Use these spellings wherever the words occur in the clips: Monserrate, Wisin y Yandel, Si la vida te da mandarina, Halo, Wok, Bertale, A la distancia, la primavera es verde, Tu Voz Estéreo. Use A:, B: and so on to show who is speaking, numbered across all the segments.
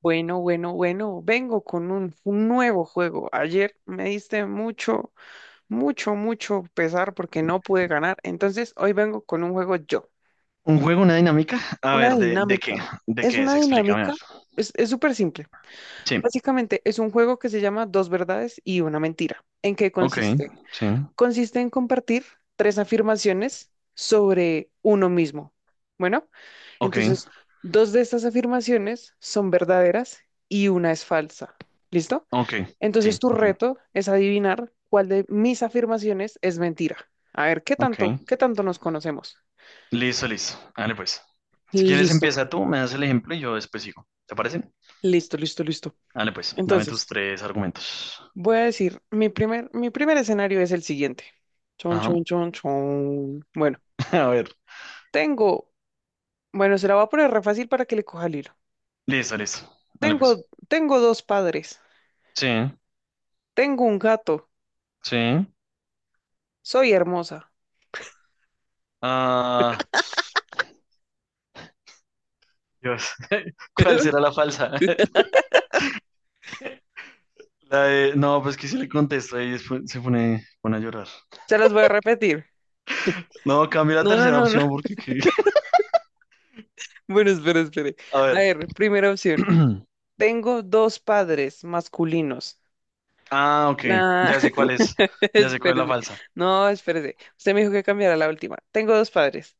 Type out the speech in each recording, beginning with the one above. A: Bueno, bueno, bueno, vengo con un nuevo juego. Ayer me diste mucho, mucho, mucho pesar porque no pude ganar. Entonces hoy vengo con un juego yo.
B: ¿Un juego, una dinámica? A
A: Una
B: ver, ¿de qué?
A: dinámica.
B: ¿De
A: Es
B: qué
A: una
B: es? Explícame. A
A: dinámica,
B: ver.
A: es súper simple.
B: Sí.
A: Básicamente es un juego que se llama Dos verdades y una mentira. ¿En qué
B: Ok,
A: consiste?
B: sí.
A: Consiste en compartir tres afirmaciones sobre uno mismo. Bueno,
B: Ok,
A: entonces dos de estas afirmaciones son verdaderas y una es falsa. ¿Listo?
B: ok.
A: Entonces
B: Sí,
A: tu
B: entiendo.
A: reto es adivinar cuál de mis afirmaciones es mentira. A ver, ¿qué
B: Ok.
A: tanto, qué tanto nos conocemos?
B: Listo, listo. Dale pues. Si quieres
A: Listo,
B: empieza tú, me das el ejemplo y yo después sigo. ¿Te parece?
A: listo, listo, listo.
B: Dale pues, dame tus
A: Entonces,
B: tres argumentos.
A: voy a decir, mi primer escenario es el siguiente. Chon,
B: Ajá.
A: chon, chon, chon. Bueno,
B: A ver.
A: tengo, bueno, se la voy a poner re fácil para que le coja el hilo.
B: Listo, listo. Dale pues.
A: Tengo dos padres,
B: Sí,
A: tengo un gato,
B: sí.
A: soy hermosa.
B: Ah, Dios. ¿Cuál será la falsa? No, pues que si le contesto y después se pone a llorar.
A: Se las voy a repetir.
B: No, cambia la
A: No, no,
B: tercera
A: no, no.
B: opción porque qué.
A: Bueno, espere, espere.
B: A
A: A
B: ver.
A: ver, primera opción. Tengo dos padres masculinos.
B: Ah, ok.
A: La...
B: Ya sé cuál es. Ya sé cuál es la
A: Espérese.
B: falsa.
A: No, espérese. Usted me dijo que cambiara la última. Tengo dos padres.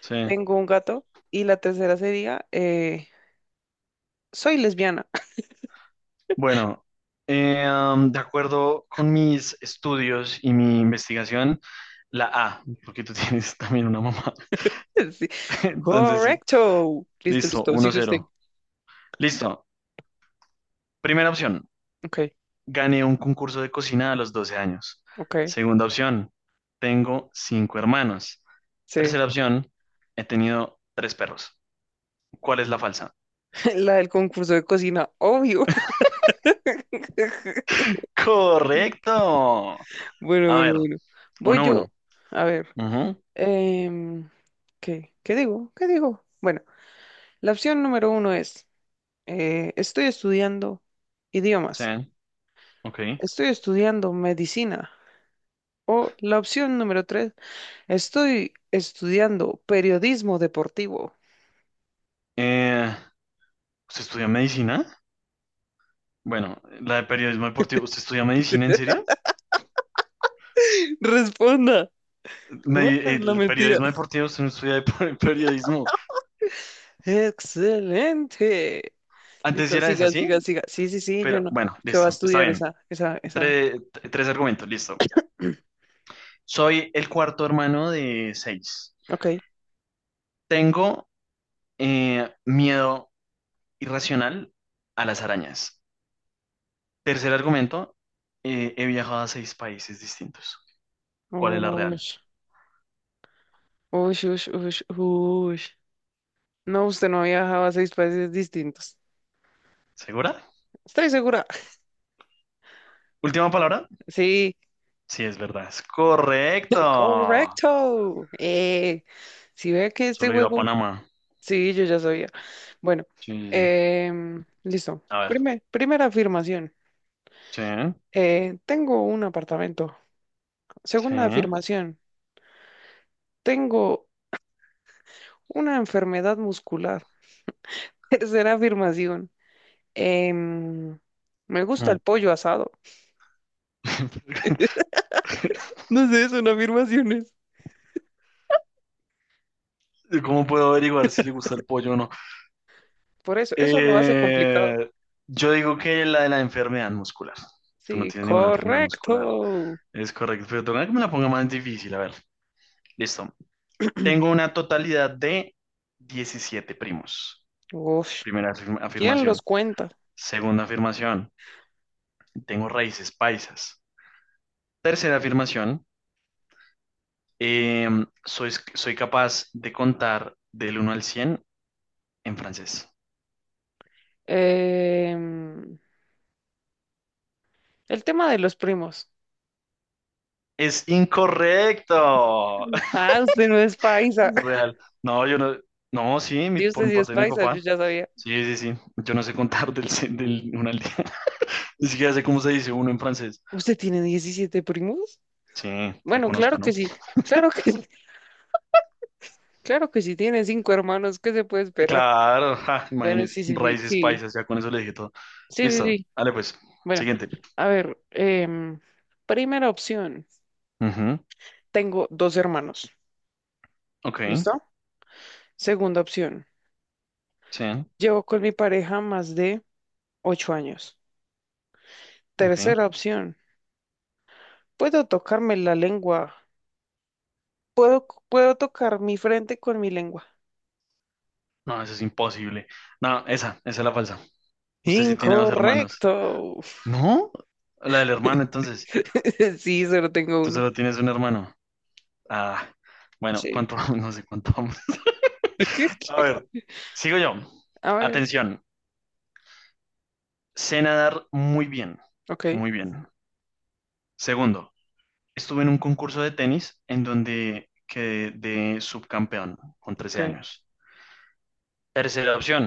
B: Sí.
A: Tengo un gato. Y la tercera sería, soy lesbiana.
B: Bueno, de acuerdo con mis estudios y mi investigación, la A, porque tú tienes también una mamá.
A: Sí.
B: Entonces sí.
A: Correcto. Listo,
B: Listo,
A: listo.
B: uno
A: Sigue usted.
B: cero, Listo. Primera opción.
A: Ok,
B: Gané un concurso de cocina a los 12 años.
A: ok.
B: Segunda opción. Tengo cinco hermanos.
A: Sí.
B: Tercera opción. He tenido tres perros. ¿Cuál es la falsa?
A: La del concurso de cocina, obvio.
B: Correcto.
A: Bueno,
B: A
A: bueno,
B: ver,
A: bueno. Voy
B: uno a
A: yo.
B: uno.
A: A ver,
B: Ujú.
A: em, ¿qué? ¿Qué digo? ¿Qué digo? Bueno, la opción número uno es, estoy estudiando
B: Sí,
A: idiomas,
B: ok.
A: estoy estudiando medicina. O la opción número tres, estoy estudiando periodismo deportivo.
B: Eh, ¿Usted estudia medicina? Bueno, la de periodismo deportivo. ¿Usted estudia medicina en serio?
A: Responda, ¿cuál es la
B: El
A: mentira?
B: periodismo deportivo, usted no estudia periodismo.
A: Excelente.
B: Antes sí
A: Listo,
B: era esa,
A: siga, siga,
B: ¿sí?
A: siga. Sí, sí, sí, yo
B: Pero
A: no.
B: bueno,
A: ¿Qué va a
B: listo, está
A: estudiar
B: bien.
A: esa?
B: Tre- tres argumentos, listo. Soy el cuarto hermano de seis.
A: Ok.
B: Tengo miedo irracional a las arañas. Tercer argumento, he viajado a seis países distintos. ¿Cuál es la real?
A: Ush, ush, ush, ush, ush. No, usted no ha viajado a seis países distintos.
B: ¿Segura?
A: Estoy segura.
B: Última palabra.
A: Sí,
B: Sí, es verdad. Es correcto.
A: correcto. Si ve que este
B: Solo he ido a
A: juego,
B: Panamá.
A: sí, yo ya sabía. Bueno,
B: Sí, sí, sí.
A: listo.
B: A ver.
A: Primera afirmación,
B: Sí,
A: tengo un apartamento.
B: sí.
A: Segunda
B: Mm.
A: afirmación, tengo una enfermedad muscular. Tercera afirmación, em, me gusta el pollo asado. No sé, son afirmaciones.
B: ¿Cómo puedo averiguar si le gusta el pollo o no?
A: Por eso, eso lo hace complicado.
B: Eh, yo digo que la de la enfermedad muscular. Tú no
A: Sí,
B: tienes ninguna enfermedad muscular.
A: correcto.
B: Es correcto, pero toca que me la ponga más difícil. A ver, listo. Tengo una totalidad de 17 primos.
A: Uf,
B: Primera
A: ¿quién los
B: afirmación.
A: cuenta?
B: Segunda afirmación, tengo raíces paisas. Tercera afirmación, soy capaz de contar del uno al 100 en francés.
A: Em, el tema de los primos.
B: Es incorrecto.
A: Ah, usted no es paisa.
B: Real. No, yo no. No, sí,
A: Sí, usted
B: por
A: sí es
B: parte de mi
A: paisa, yo
B: papá.
A: ya sabía.
B: Sí, sí, sí. Yo no sé contar del uno al diez. Ni siquiera sé cómo se dice uno en francés.
A: ¿Usted tiene 17 primos?
B: Sí, que
A: Bueno,
B: conozca,
A: claro que
B: ¿no?
A: sí. Claro que, claro que sí, tiene cinco hermanos. ¿Qué se puede esperar?
B: Claro, ja,
A: Bueno,
B: imagínense,
A: sí, sí, sí,
B: raíces
A: sí.
B: paisas, ya con eso le dije todo.
A: Sí, sí,
B: Listo,
A: sí.
B: dale pues,
A: Bueno,
B: siguiente.
A: a ver, primera opción.
B: Ujú.
A: Tengo dos hermanos.
B: Ok,
A: ¿Listo? Segunda opción.
B: sí,
A: Llevo con mi pareja más de 8 años.
B: ok.
A: Tercera opción. Puedo tocarme la lengua puedo tocar mi frente con mi lengua.
B: No, eso es imposible. No, esa es la falsa. Usted sí tiene dos hermanos.
A: Incorrecto.
B: ¿No? La del hermano, entonces.
A: Sí, solo tengo
B: Tú
A: uno.
B: solo tienes un hermano. Ah, bueno,
A: Sí.
B: ¿cuánto vamos? No sé cuánto vamos. A ver, sigo yo.
A: A ver,
B: Atención, sé nadar muy bien,
A: ok,
B: muy bien. Segundo, estuve en un concurso de tenis en donde quedé de subcampeón con 13
A: ok.
B: años. Tercera opción,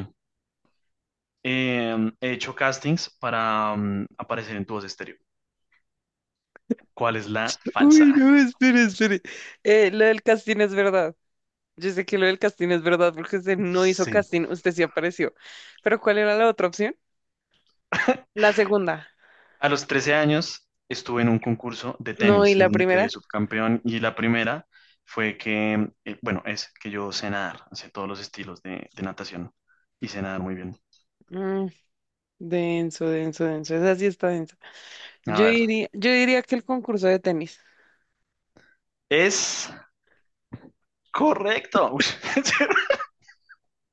B: he hecho castings para aparecer en Tu Voz Estéreo. ¿Cuál es la
A: Uy,
B: falsa?
A: no, espere, espere. Lo del casting es verdad. Yo sé que lo del casting es verdad porque usted no hizo
B: Sí.
A: casting, usted sí apareció. Pero ¿cuál era la otra opción? La segunda.
B: A los 13 años estuve en un concurso de
A: No, y
B: tenis en
A: la
B: donde
A: primera.
B: quedé subcampeón y la primera fue que, bueno, es que yo sé nadar, sé todos los estilos de natación y sé nadar muy bien.
A: Mm, Denso, denso, denso. Esa sí está densa.
B: A
A: Yo
B: ver,
A: diría, yo diría que el concurso de tenis.
B: es correcto. Uy.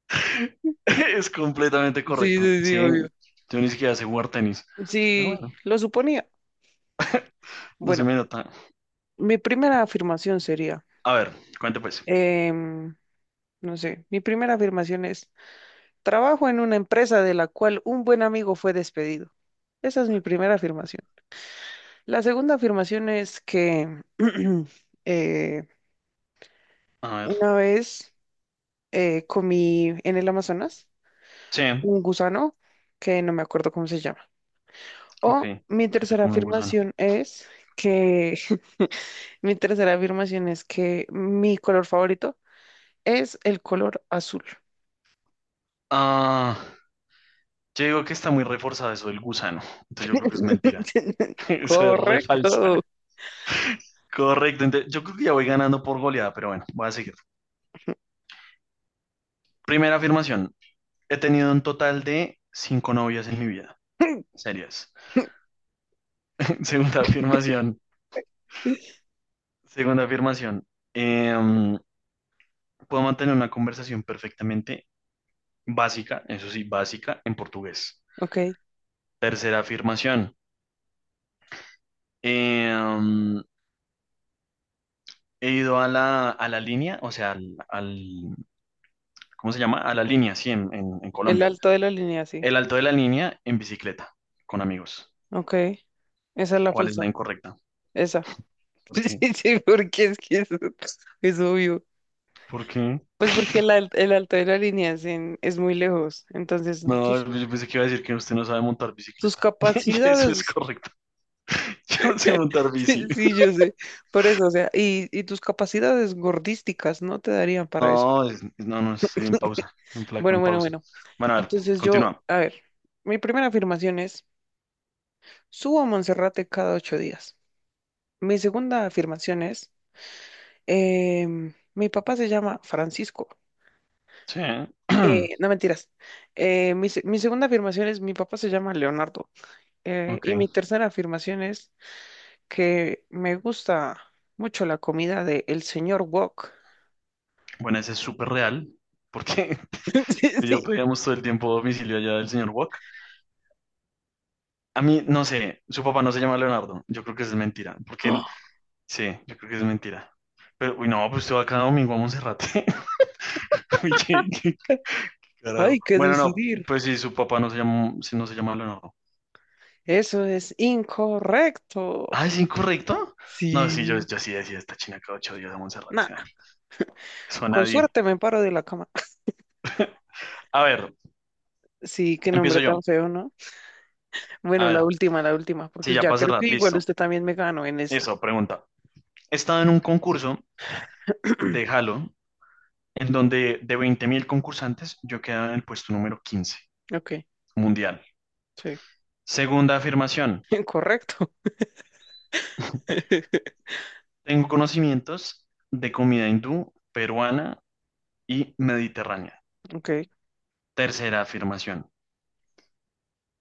B: Es completamente
A: Sí,
B: correcto.
A: sí, sí,
B: Sí,
A: obvio.
B: yo ni siquiera sé jugar tenis. Pero
A: Sí,
B: bueno,
A: lo suponía.
B: no se
A: Bueno,
B: me nota.
A: mi primera afirmación sería,
B: A ver, cuente pues.
A: em, no sé, mi primera afirmación es, trabajo en una empresa de la cual un buen amigo fue despedido. Esa es mi primera afirmación. La segunda afirmación es que eh,
B: A ver.
A: una vez comí en el Amazonas
B: Sí,
A: un gusano que no me acuerdo cómo se llama.
B: ok,
A: O mi
B: que se
A: tercera
B: come un gusano.
A: afirmación es que mi tercera afirmación es que mi color favorito es el color azul.
B: Ah, yo digo que está muy reforzado eso del gusano. Entonces yo creo que es mentira. Eso es re
A: Correcto.
B: falsa. Correcto, entonces yo creo que ya voy ganando por goleada, pero bueno, voy a seguir. Primera afirmación. He tenido un total de cinco novias en mi vida. Serias. Segunda afirmación. Segunda afirmación. Em, Puedo mantener una conversación perfectamente básica, eso sí, básica, en portugués.
A: Ok.
B: Tercera afirmación. eh, um, he ido a la línea, o sea, ¿cómo se llama? A la línea, sí, en
A: El
B: Colombia.
A: alto de la línea, sí.
B: El alto de la línea en bicicleta, con amigos.
A: Ok. Esa es la
B: ¿Cuál es
A: falsa.
B: la incorrecta?
A: Esa.
B: ¿Por qué?
A: Sí, sí, porque es que eso es obvio.
B: ¿Por qué?
A: Pues porque el alto de la línea es muy lejos. Entonces,
B: No,
A: tus,
B: pues yo pensé que iba a decir que usted no sabe montar
A: tus
B: bicicleta. Y eso es
A: capacidades,
B: correcto. Yo no sé montar bici.
A: sí, yo sé. Por eso, o sea, y tus capacidades gordísticas no te darían para eso.
B: No, no, no, estoy en pausa, en flaco,
A: Bueno,
B: en
A: bueno,
B: pausa.
A: bueno.
B: Bueno, a ver,
A: Entonces yo,
B: continúa.
A: a ver, mi primera afirmación es: Subo a Monserrate cada 8 días. Mi segunda afirmación es, mi papá se llama Francisco.
B: Sí.
A: No mentiras. Mi segunda afirmación es, mi papá se llama Leonardo.
B: Ok.
A: Y mi tercera afirmación es que me gusta mucho la comida de el señor Wok.
B: Bueno, ese es súper real, porque
A: Sí,
B: si
A: sí.
B: yo pedíamos todo el tiempo domicilio allá del señor Wok. A mí, no sé, su papá no se llama Leonardo. Yo creo que es mentira, porque él,
A: ¡Ah!
B: sí, yo creo que es mentira. Pero, uy, no, pues usted va cada domingo a Monserrate. Uy, qué
A: Hay
B: carajo.
A: que
B: Bueno, no,
A: decidir.
B: pues sí, su papá no se llama, sí, no se llama Leonardo.
A: Eso es incorrecto.
B: Ah, ¿es incorrecto? No, sí, yo,
A: Sí.
B: yo sí decía esta china cada 8 días a Monserrate.
A: Nah,
B: Ay. Eso a
A: con
B: nadie.
A: suerte me paro de la cama.
B: A ver,
A: Sí, qué nombre
B: empiezo yo.
A: tan feo, ¿no?
B: A
A: Bueno,
B: ver,
A: la última,
B: sí,
A: porque
B: ya
A: ya
B: para
A: creo
B: cerrar,
A: que igual
B: listo.
A: usted también me ganó en esta.
B: Eso, pregunta. He estado en un concurso de Halo en donde de 20.000 concursantes yo quedaba en el puesto número 15
A: Ok,
B: mundial.
A: sí,
B: Segunda afirmación,
A: correcto.
B: tengo conocimientos de comida hindú, peruana y mediterránea.
A: Ok,
B: Tercera afirmación.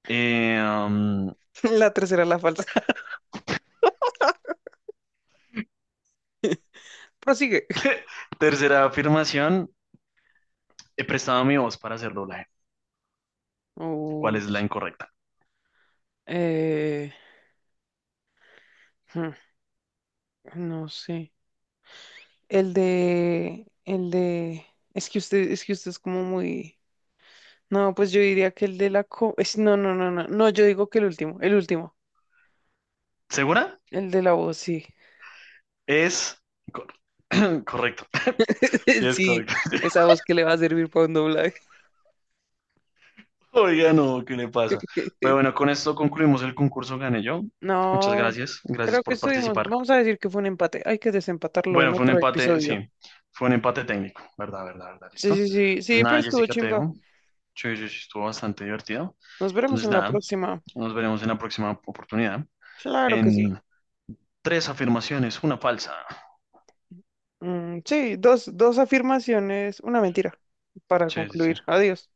B: eh, um,
A: la tercera, la falsa. Prosigue.
B: tercera afirmación, he prestado mi voz para hacer doblaje. ¿Cuál
A: Uy,
B: es la incorrecta?
A: eh, hmm, no sé. El de, es que usted es como muy, no, pues yo diría que el de la, co- es, no, no, no, no, no, yo digo que el último, el último,
B: ¿Segura?
A: el de la voz, sí,
B: Es cor- correcto. Sí, es
A: sí,
B: correcto.
A: esa voz que le va a servir para un doblaje.
B: Oiga, no, ¿qué le pasa? Pero bueno, con esto concluimos el concurso, gané yo. Muchas
A: No,
B: gracias, gracias
A: creo que
B: por
A: estuvimos,
B: participar.
A: vamos a decir que fue un empate, hay que desempatarlo en
B: Bueno, fue un
A: otro
B: empate, sí,
A: episodio.
B: fue un empate técnico, ¿verdad, verdad, verdad?
A: Sí,
B: ¿Listo?
A: sí, sí,
B: Entonces
A: sí, pero
B: nada,
A: estuvo
B: Jessica, te
A: chimba.
B: dejo. Sí, sí, sí, estuvo bastante divertido.
A: Nos veremos
B: Entonces
A: en la
B: nada,
A: próxima.
B: nos veremos en la próxima oportunidad.
A: Claro que sí.
B: En tres afirmaciones, una falsa.
A: Sí, dos afirmaciones, una mentira para
B: Sí, sí, sí.
A: concluir. Adiós.